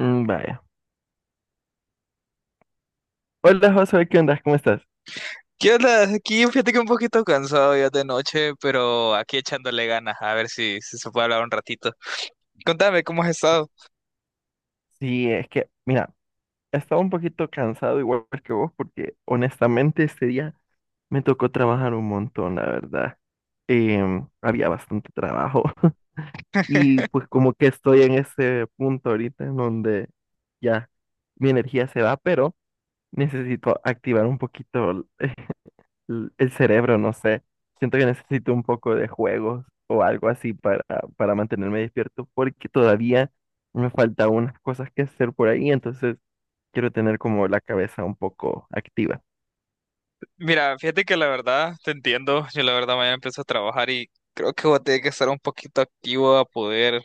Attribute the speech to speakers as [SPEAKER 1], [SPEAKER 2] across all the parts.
[SPEAKER 1] Mm. Vaya. Hola, Josué, ¿qué onda? ¿Cómo estás?
[SPEAKER 2] ¿Qué onda? Aquí fíjate que un poquito cansado ya de noche, pero aquí echándole ganas, a ver si se puede hablar un ratito. Contame, ¿cómo has estado?
[SPEAKER 1] Sí, es que, mira, estaba un poquito cansado igual que vos porque honestamente este día me tocó trabajar un montón, la verdad. Había bastante trabajo y pues como que estoy en ese punto ahorita en donde ya mi energía se va, pero necesito activar un poquito el cerebro, no sé. Siento que necesito un poco de juegos o algo así para mantenerme despierto porque todavía me falta unas cosas que hacer por ahí, entonces quiero tener como la cabeza un poco activa.
[SPEAKER 2] Mira, fíjate que la verdad, te entiendo, yo la verdad mañana empiezo a trabajar y creo que voy a tener que estar un poquito activo a poder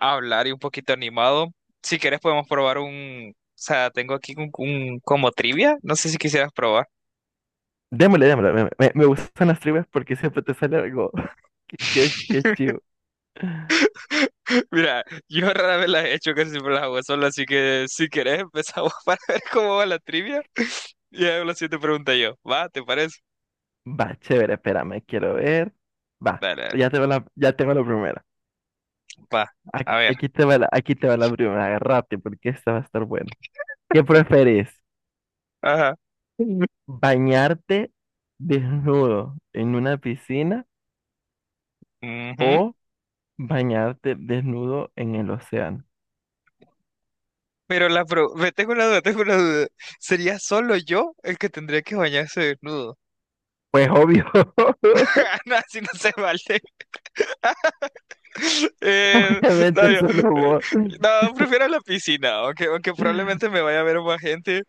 [SPEAKER 2] hablar y un poquito animado. Si quieres podemos probar o sea, tengo aquí como trivia, no sé si quisieras probar.
[SPEAKER 1] Démosle, démosle, me gustan las trivias porque siempre te sale algo que es chivo.
[SPEAKER 2] Mira, yo rara vez las he hecho, casi siempre las hago solo, así que si quieres empezamos para ver cómo va la trivia. Ya, la siguiente pregunta yo. ¿Va? ¿Te parece?
[SPEAKER 1] Va, chévere, espérame, quiero ver. Va,
[SPEAKER 2] Dale,
[SPEAKER 1] ya
[SPEAKER 2] dale.
[SPEAKER 1] tengo la, ya tengo la primera.
[SPEAKER 2] Va. A ver.
[SPEAKER 1] Aquí te va la primera, rápido porque esta va a estar buena. ¿Qué preferís?
[SPEAKER 2] Ajá. Ujú.
[SPEAKER 1] ¿Bañarte desnudo en una piscina o bañarte desnudo en el océano?
[SPEAKER 2] Ve, tengo una duda, tengo una duda. ¿Sería solo yo el que tendría que bañarse desnudo?
[SPEAKER 1] Pues obvio.
[SPEAKER 2] No, así no se vale. Eh, no,
[SPEAKER 1] Obviamente solo
[SPEAKER 2] eh,
[SPEAKER 1] vos.
[SPEAKER 2] no, prefiero la piscina, aunque probablemente me vaya a ver más gente,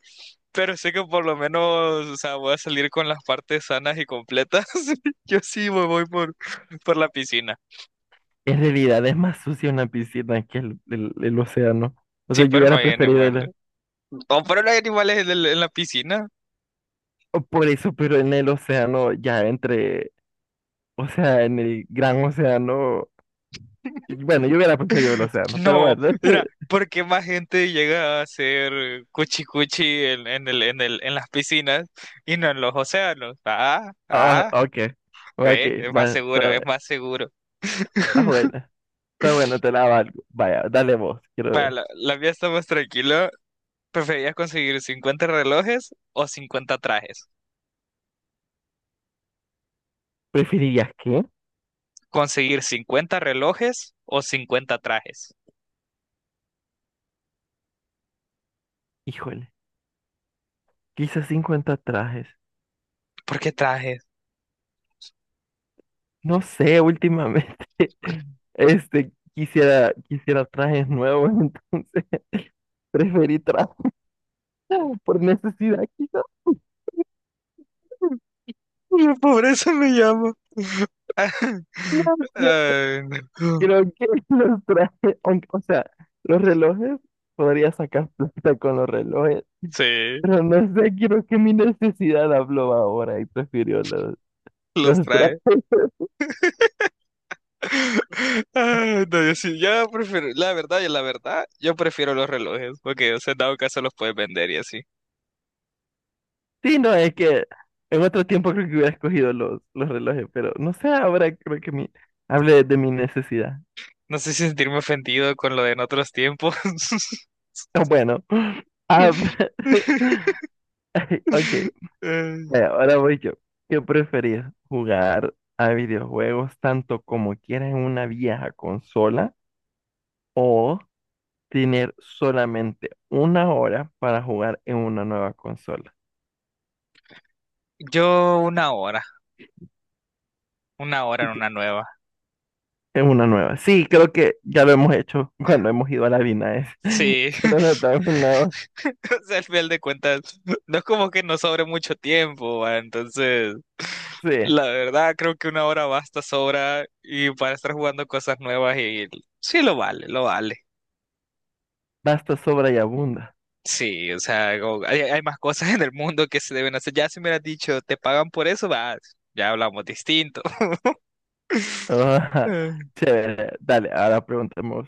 [SPEAKER 2] pero sé que por lo menos, o sea, voy a salir con las partes sanas y completas. Yo sí me voy por la piscina.
[SPEAKER 1] En realidad es más sucio una piscina que el océano. O
[SPEAKER 2] Sí,
[SPEAKER 1] sea, yo
[SPEAKER 2] pero no
[SPEAKER 1] hubiera
[SPEAKER 2] hay
[SPEAKER 1] preferido.
[SPEAKER 2] animal, no, pero los animales en la piscina.
[SPEAKER 1] O por eso, pero en el océano, ya entre, o sea, en el gran océano, y bueno, yo hubiera preferido el océano, pero
[SPEAKER 2] No,
[SPEAKER 1] bueno.
[SPEAKER 2] mira, ¿por qué más gente llega a hacer cuchi cuchi en las piscinas y no en los océanos? Ah,
[SPEAKER 1] Ah,
[SPEAKER 2] ah,
[SPEAKER 1] ok, ok,
[SPEAKER 2] ve, es más
[SPEAKER 1] va,
[SPEAKER 2] seguro,
[SPEAKER 1] está
[SPEAKER 2] es
[SPEAKER 1] bien,
[SPEAKER 2] más seguro.
[SPEAKER 1] está bueno. Está bueno, te la valgo. Vaya, dale vos, quiero
[SPEAKER 2] Bueno,
[SPEAKER 1] ver.
[SPEAKER 2] la mía está más tranquila. ¿Preferías conseguir 50 relojes o 50 trajes?
[SPEAKER 1] ¿Preferirías qué?
[SPEAKER 2] ¿Conseguir 50 relojes o 50 trajes?
[SPEAKER 1] Híjole, quizás 50 trajes.
[SPEAKER 2] ¿Por qué trajes?
[SPEAKER 1] No sé, últimamente. Este, quisiera trajes nuevos, entonces preferí trajes por necesidad, quizás.
[SPEAKER 2] La pobreza me llama.
[SPEAKER 1] No sé,
[SPEAKER 2] Ay, no.
[SPEAKER 1] creo que los trajes, o sea, los relojes, podría sacar plata con los relojes,
[SPEAKER 2] Sí.
[SPEAKER 1] pero no sé, creo que mi necesidad habló ahora y prefirió los,
[SPEAKER 2] Los
[SPEAKER 1] los trajes.
[SPEAKER 2] trae. Ay, no, yo sí, yo prefiero, la verdad, y la verdad, yo prefiero los relojes, porque, o sea, en dado caso los puedes vender y así.
[SPEAKER 1] Sí, no, es que en otro tiempo creo que hubiera escogido los relojes, pero no sé, ahora creo que mi, hablé de mi necesidad.
[SPEAKER 2] No sé si sentirme ofendido con lo de en otros tiempos.
[SPEAKER 1] Bueno, ah, ay, ok,
[SPEAKER 2] Eh,
[SPEAKER 1] bueno, ahora voy yo. ¿Qué preferís? ¿Jugar a videojuegos tanto como quieras en una vieja consola o tener solamente una hora para jugar en una nueva consola?
[SPEAKER 2] yo una hora
[SPEAKER 1] Y
[SPEAKER 2] en
[SPEAKER 1] que-
[SPEAKER 2] una nueva.
[SPEAKER 1] En una nueva. Sí, creo que ya lo hemos hecho cuando hemos ido a la Vina.
[SPEAKER 2] Sí.
[SPEAKER 1] Solo nos dan una hora.
[SPEAKER 2] O sea, al final de cuentas, no es como que nos sobre mucho tiempo, ¿va? Entonces.
[SPEAKER 1] Sí.
[SPEAKER 2] La verdad, creo que una hora basta, sobra y para estar jugando cosas nuevas y sí lo vale, lo vale.
[SPEAKER 1] Basta, sobra y abunda.
[SPEAKER 2] Sí, o sea, como- hay más cosas en el mundo que se deben hacer. Ya si me hubieras dicho, te pagan por eso, va, ya hablamos distinto.
[SPEAKER 1] Ah,
[SPEAKER 2] Eh.
[SPEAKER 1] chévere. Dale, ahora preguntemos.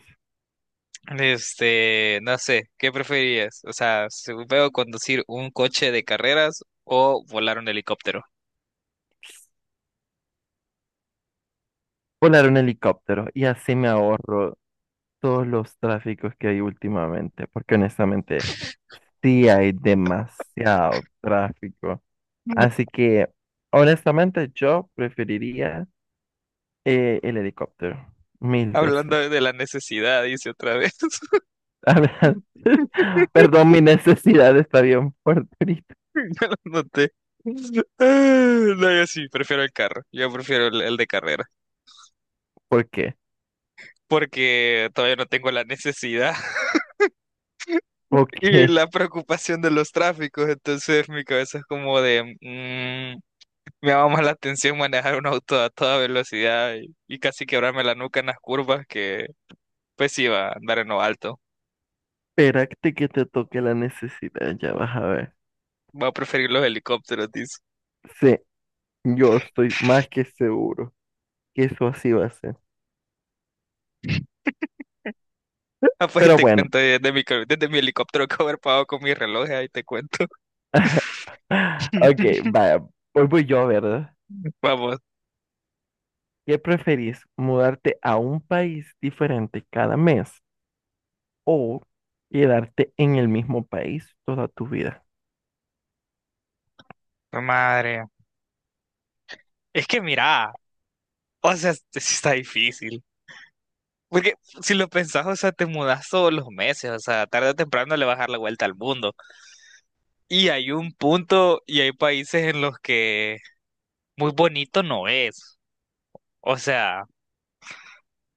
[SPEAKER 2] Este, no sé, ¿qué preferirías? O sea, si veo conducir un coche de carreras o volar un helicóptero.
[SPEAKER 1] Volar un helicóptero y así me ahorro todos los tráficos que hay últimamente, porque honestamente sí hay demasiado tráfico. Así que, honestamente, yo preferiría el helicóptero mil
[SPEAKER 2] Hablando
[SPEAKER 1] veces.
[SPEAKER 2] de la necesidad, dice otra vez.
[SPEAKER 1] A ver, perdón, mi necesidad está bien fuerte ahorita.
[SPEAKER 2] No lo noté. Ah, no, yo sí prefiero el carro. Yo prefiero el de carrera.
[SPEAKER 1] ¿Por qué?
[SPEAKER 2] Porque todavía no tengo la necesidad y
[SPEAKER 1] Porque
[SPEAKER 2] la preocupación de los tráficos. Entonces mi cabeza es como de... me llama más la atención manejar un auto a toda velocidad y casi quebrarme la nuca en las curvas que pues iba a andar en lo alto.
[SPEAKER 1] espérate que te toque la necesidad, ya vas a ver.
[SPEAKER 2] Voy a preferir los helicópteros, dice.
[SPEAKER 1] Sí, yo estoy más que seguro que eso así va a ser.
[SPEAKER 2] Ah, pues ahí
[SPEAKER 1] Pero
[SPEAKER 2] te
[SPEAKER 1] bueno.
[SPEAKER 2] cuento desde desde mi helicóptero que haber pagado con mi reloj, ahí te cuento.
[SPEAKER 1] Ok, vaya, hoy voy yo, ¿verdad?
[SPEAKER 2] Vamos.
[SPEAKER 1] ¿Qué preferís, mudarte a un país diferente cada mes o quedarte en el mismo país toda tu vida?
[SPEAKER 2] Madre, es que mira, o sea, sí está difícil. Porque si lo pensás, o sea, te mudas todos los meses, o sea, tarde o temprano le vas a dar la vuelta al mundo. Y hay un punto y hay países en los que muy bonito no es. O sea,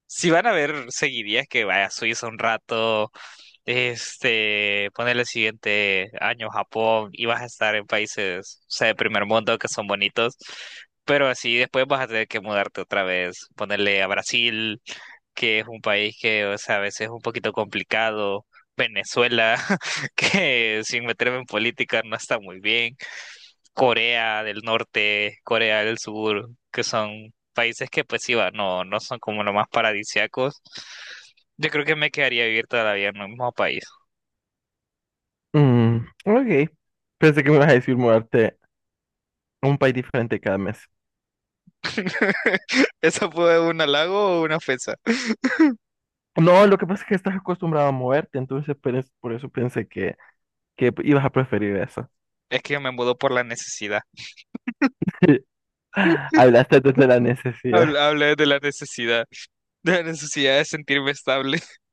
[SPEAKER 2] si van a ver seguirías que vaya a Suiza un rato, este, ponerle el siguiente año Japón y vas a estar en países, o sea, de primer mundo que son bonitos. Pero así después vas a tener que mudarte otra vez, ponerle a Brasil que es un país que, o sea, a veces es un poquito complicado. Venezuela, que sin meterme en política no está muy bien. Corea del Norte, Corea del Sur, que son países que pues sí, va, no, no son como los más paradisíacos. Yo creo que me quedaría vivir toda la vida en un mismo país.
[SPEAKER 1] Mm, ok, pensé que me ibas a decir mudarte a un país diferente cada mes.
[SPEAKER 2] ¿Eso fue un halago o una ofensa?
[SPEAKER 1] No, lo que pasa es que estás acostumbrado a moverte, entonces pues, por eso pensé que ibas a preferir eso.
[SPEAKER 2] Es que yo me mudo por la necesidad.
[SPEAKER 1] Hablaste desde la necesidad.
[SPEAKER 2] Hablé de la necesidad, de la necesidad de sentirme estable.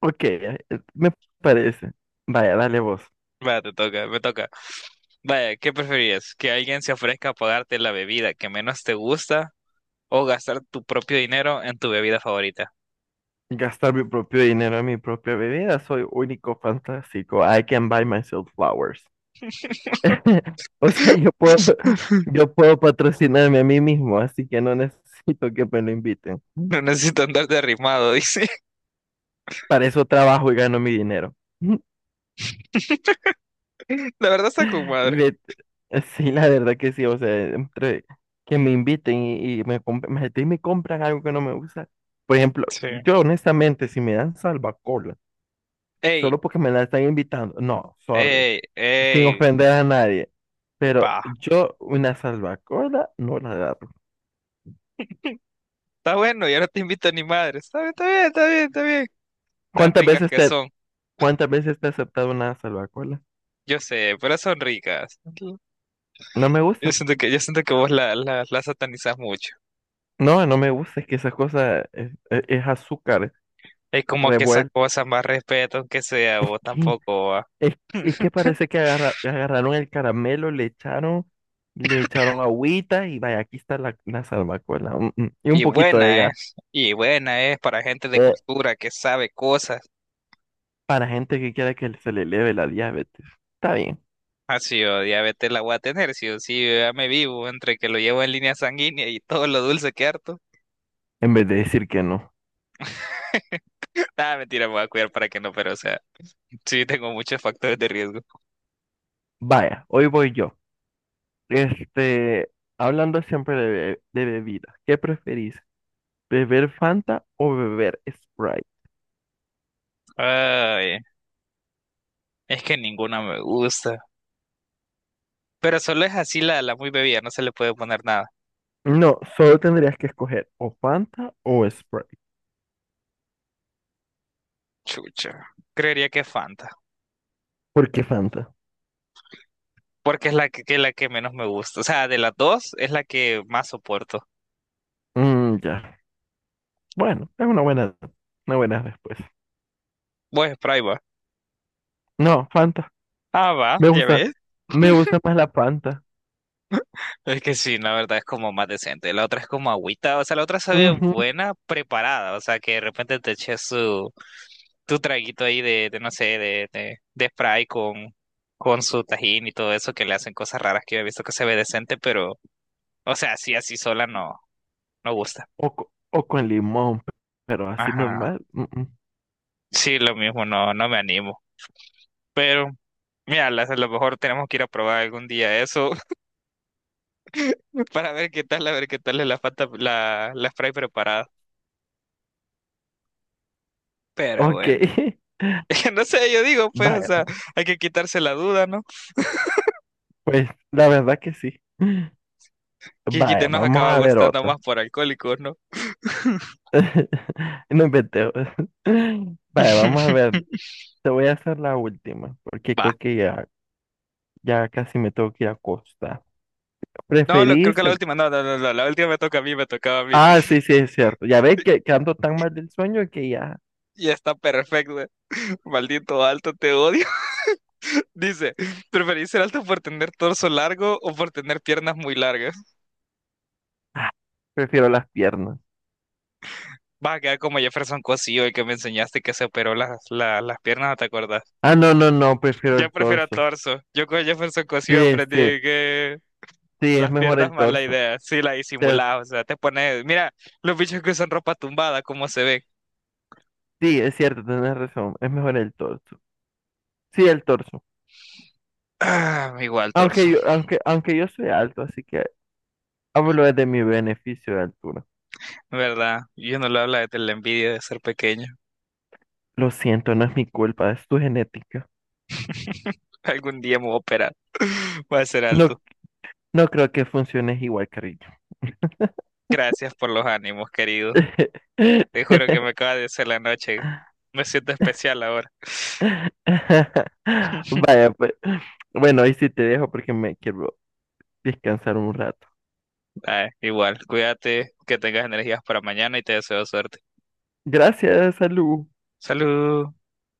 [SPEAKER 1] Ok, me parece. Vaya, dale vos.
[SPEAKER 2] Va, te toca, me toca. Vaya, ¿qué preferirías? ¿Que alguien se ofrezca a pagarte la bebida que menos te gusta o gastar tu propio dinero en tu bebida favorita?
[SPEAKER 1] Gastar mi propio dinero en mi propia bebida. Soy único, fantástico. I can buy myself flowers. O sea, yo puedo, yo puedo patrocinarme a mí mismo, así que no necesito que me lo inviten.
[SPEAKER 2] No necesito andar derrimado, dice.
[SPEAKER 1] Para eso trabajo y gano mi dinero.
[SPEAKER 2] La verdad está con madre.
[SPEAKER 1] Ve- Sí, la verdad que sí. O sea, entre que me inviten y me compran algo que no me gusta. Por ejemplo,
[SPEAKER 2] Sí.
[SPEAKER 1] yo honestamente, si me dan salva
[SPEAKER 2] Ey,
[SPEAKER 1] solo porque me la están invitando. No, sorry,
[SPEAKER 2] ey,
[SPEAKER 1] sin
[SPEAKER 2] ey.
[SPEAKER 1] ofender a nadie. Pero
[SPEAKER 2] Va.
[SPEAKER 1] yo una salvacola no la agarro.
[SPEAKER 2] Está bueno, ya no te invito ni madre. Está bien, está bien, está bien, está bien. Tan
[SPEAKER 1] ¿Cuántas
[SPEAKER 2] ricas
[SPEAKER 1] veces
[SPEAKER 2] que
[SPEAKER 1] te,
[SPEAKER 2] son.
[SPEAKER 1] cuántas veces te he aceptado una salvacola?
[SPEAKER 2] Yo sé, pero son ricas.
[SPEAKER 1] No me gusta.
[SPEAKER 2] Yo siento que vos la satanizás mucho.
[SPEAKER 1] No, no me gusta. Es que esa cosa es, es azúcar
[SPEAKER 2] Es como que esas
[SPEAKER 1] revuelto.
[SPEAKER 2] cosas más respeto, aunque sea
[SPEAKER 1] Es
[SPEAKER 2] vos
[SPEAKER 1] que,
[SPEAKER 2] tampoco.
[SPEAKER 1] es, es que parece que agarraron el caramelo, le echaron agüita y vaya, aquí está la salvacola. Mm, mm. Y un poquito de gas.
[SPEAKER 2] Y buena es para gente de
[SPEAKER 1] Eh,
[SPEAKER 2] cultura que sabe cosas.
[SPEAKER 1] Para gente que quiera que se le eleve la diabetes. Está bien.
[SPEAKER 2] Así yo diabetes la voy a tener, sí o sí, yo ya me vivo entre que lo llevo en línea sanguínea y todo lo dulce que harto.
[SPEAKER 1] En vez de decir que no.
[SPEAKER 2] Nada, mentira, me voy a cuidar para que no, pero o sea, sí tengo muchos factores de riesgo.
[SPEAKER 1] Vaya, hoy voy yo. Este, hablando siempre de, bebida, ¿qué preferís? ¿Beber Fanta o beber Sprite?
[SPEAKER 2] Ay, es que ninguna me gusta. Pero solo es así la muy bebida, no se le puede poner nada.
[SPEAKER 1] No, solo tendrías que escoger o Fanta o Sprite.
[SPEAKER 2] Chucha, creería que Fanta,
[SPEAKER 1] ¿Por qué Fanta?
[SPEAKER 2] porque es la que la que menos me gusta. O sea, de las dos es la que más soporto.
[SPEAKER 1] Mm, ya. Bueno, es una buena respuesta.
[SPEAKER 2] Pues, Sprite va.
[SPEAKER 1] No, Fanta.
[SPEAKER 2] Ah, va,
[SPEAKER 1] Me
[SPEAKER 2] ya
[SPEAKER 1] gusta,
[SPEAKER 2] ves.
[SPEAKER 1] me gusta más la Fanta.
[SPEAKER 2] Es que sí, la verdad es como más decente. La otra es como agüita, o sea, la otra sabe
[SPEAKER 1] Ujú.
[SPEAKER 2] buena, preparada, o sea, que de repente te eches su, tu traguito ahí de no sé, de Sprite con su tajín y todo eso, que le hacen cosas raras que yo he visto que se ve decente, pero, o sea, así, así sola no, no gusta.
[SPEAKER 1] O, o con limón, pero así
[SPEAKER 2] Ajá.
[SPEAKER 1] normal. Mm, mm.
[SPEAKER 2] Sí, lo mismo, no, no me animo. Pero, mira, a lo mejor tenemos que ir a probar algún día eso para ver qué tal, a ver qué tal es la Sprite preparada. Pero
[SPEAKER 1] Ok.
[SPEAKER 2] bueno. No sé, yo digo, pues, o
[SPEAKER 1] Vaya,
[SPEAKER 2] sea, hay que quitarse la duda, ¿no?
[SPEAKER 1] pues la verdad que sí.
[SPEAKER 2] Que quite
[SPEAKER 1] Vaya,
[SPEAKER 2] nos
[SPEAKER 1] vamos
[SPEAKER 2] acaba
[SPEAKER 1] a ver
[SPEAKER 2] gustando
[SPEAKER 1] otra.
[SPEAKER 2] más por alcohólicos, ¿no?
[SPEAKER 1] No inventé. Vaya, vamos a ver. Te voy a hacer la última, porque
[SPEAKER 2] Va.
[SPEAKER 1] creo que ya, ya casi me tengo que ir a acostar.
[SPEAKER 2] No, creo
[SPEAKER 1] ¿Preferís?
[SPEAKER 2] que la última, no, no, no, no, la última me toca a mí, me tocaba a mí.
[SPEAKER 1] Ah, sí, sí, es cierto. Ya ves que ando tan mal del sueño que ya
[SPEAKER 2] Y está perfecto. Maldito alto, te odio. Dice, ¿preferís ser alto por tener torso largo o por tener piernas muy largas?
[SPEAKER 1] prefiero las piernas.
[SPEAKER 2] Va a quedar como Jefferson Cosillo, el que me enseñaste que se operó las piernas, ¿no te acordás?
[SPEAKER 1] Ah, no, no, no, prefiero
[SPEAKER 2] Yo
[SPEAKER 1] el
[SPEAKER 2] prefiero
[SPEAKER 1] torso.
[SPEAKER 2] torso. Yo con Jefferson Cosillo
[SPEAKER 1] Sí,
[SPEAKER 2] aprendí
[SPEAKER 1] sí,
[SPEAKER 2] que
[SPEAKER 1] sí, es
[SPEAKER 2] las
[SPEAKER 1] mejor
[SPEAKER 2] piernas
[SPEAKER 1] el
[SPEAKER 2] mala
[SPEAKER 1] torso.
[SPEAKER 2] idea, sí la
[SPEAKER 1] Te-
[SPEAKER 2] disimulás, o sea, te pones, mira, los bichos que usan ropa tumbada, cómo se ven.
[SPEAKER 1] Sí, es cierto, tenés razón, es mejor el torso. Sí, el torso.
[SPEAKER 2] Ah, igual torso,
[SPEAKER 1] Aunque yo soy alto, así que hablo de mi beneficio de altura.
[SPEAKER 2] ¿verdad? Yo no lo habla de la envidia de ser pequeño.
[SPEAKER 1] Lo siento, no es mi culpa, es tu genética.
[SPEAKER 2] Algún día me voy a operar. Voy a ser alto.
[SPEAKER 1] No, no creo que funciones igual, cariño.
[SPEAKER 2] Gracias por los ánimos, querido. Te juro que me acaba de hacer la noche. Me siento especial ahora.
[SPEAKER 1] Vaya, pues. Bueno, ahí sí te dejo porque me quiero descansar un rato.
[SPEAKER 2] Ay, igual, cuídate, que tengas energías para mañana y te deseo suerte.
[SPEAKER 1] Gracias, salud.
[SPEAKER 2] Salud.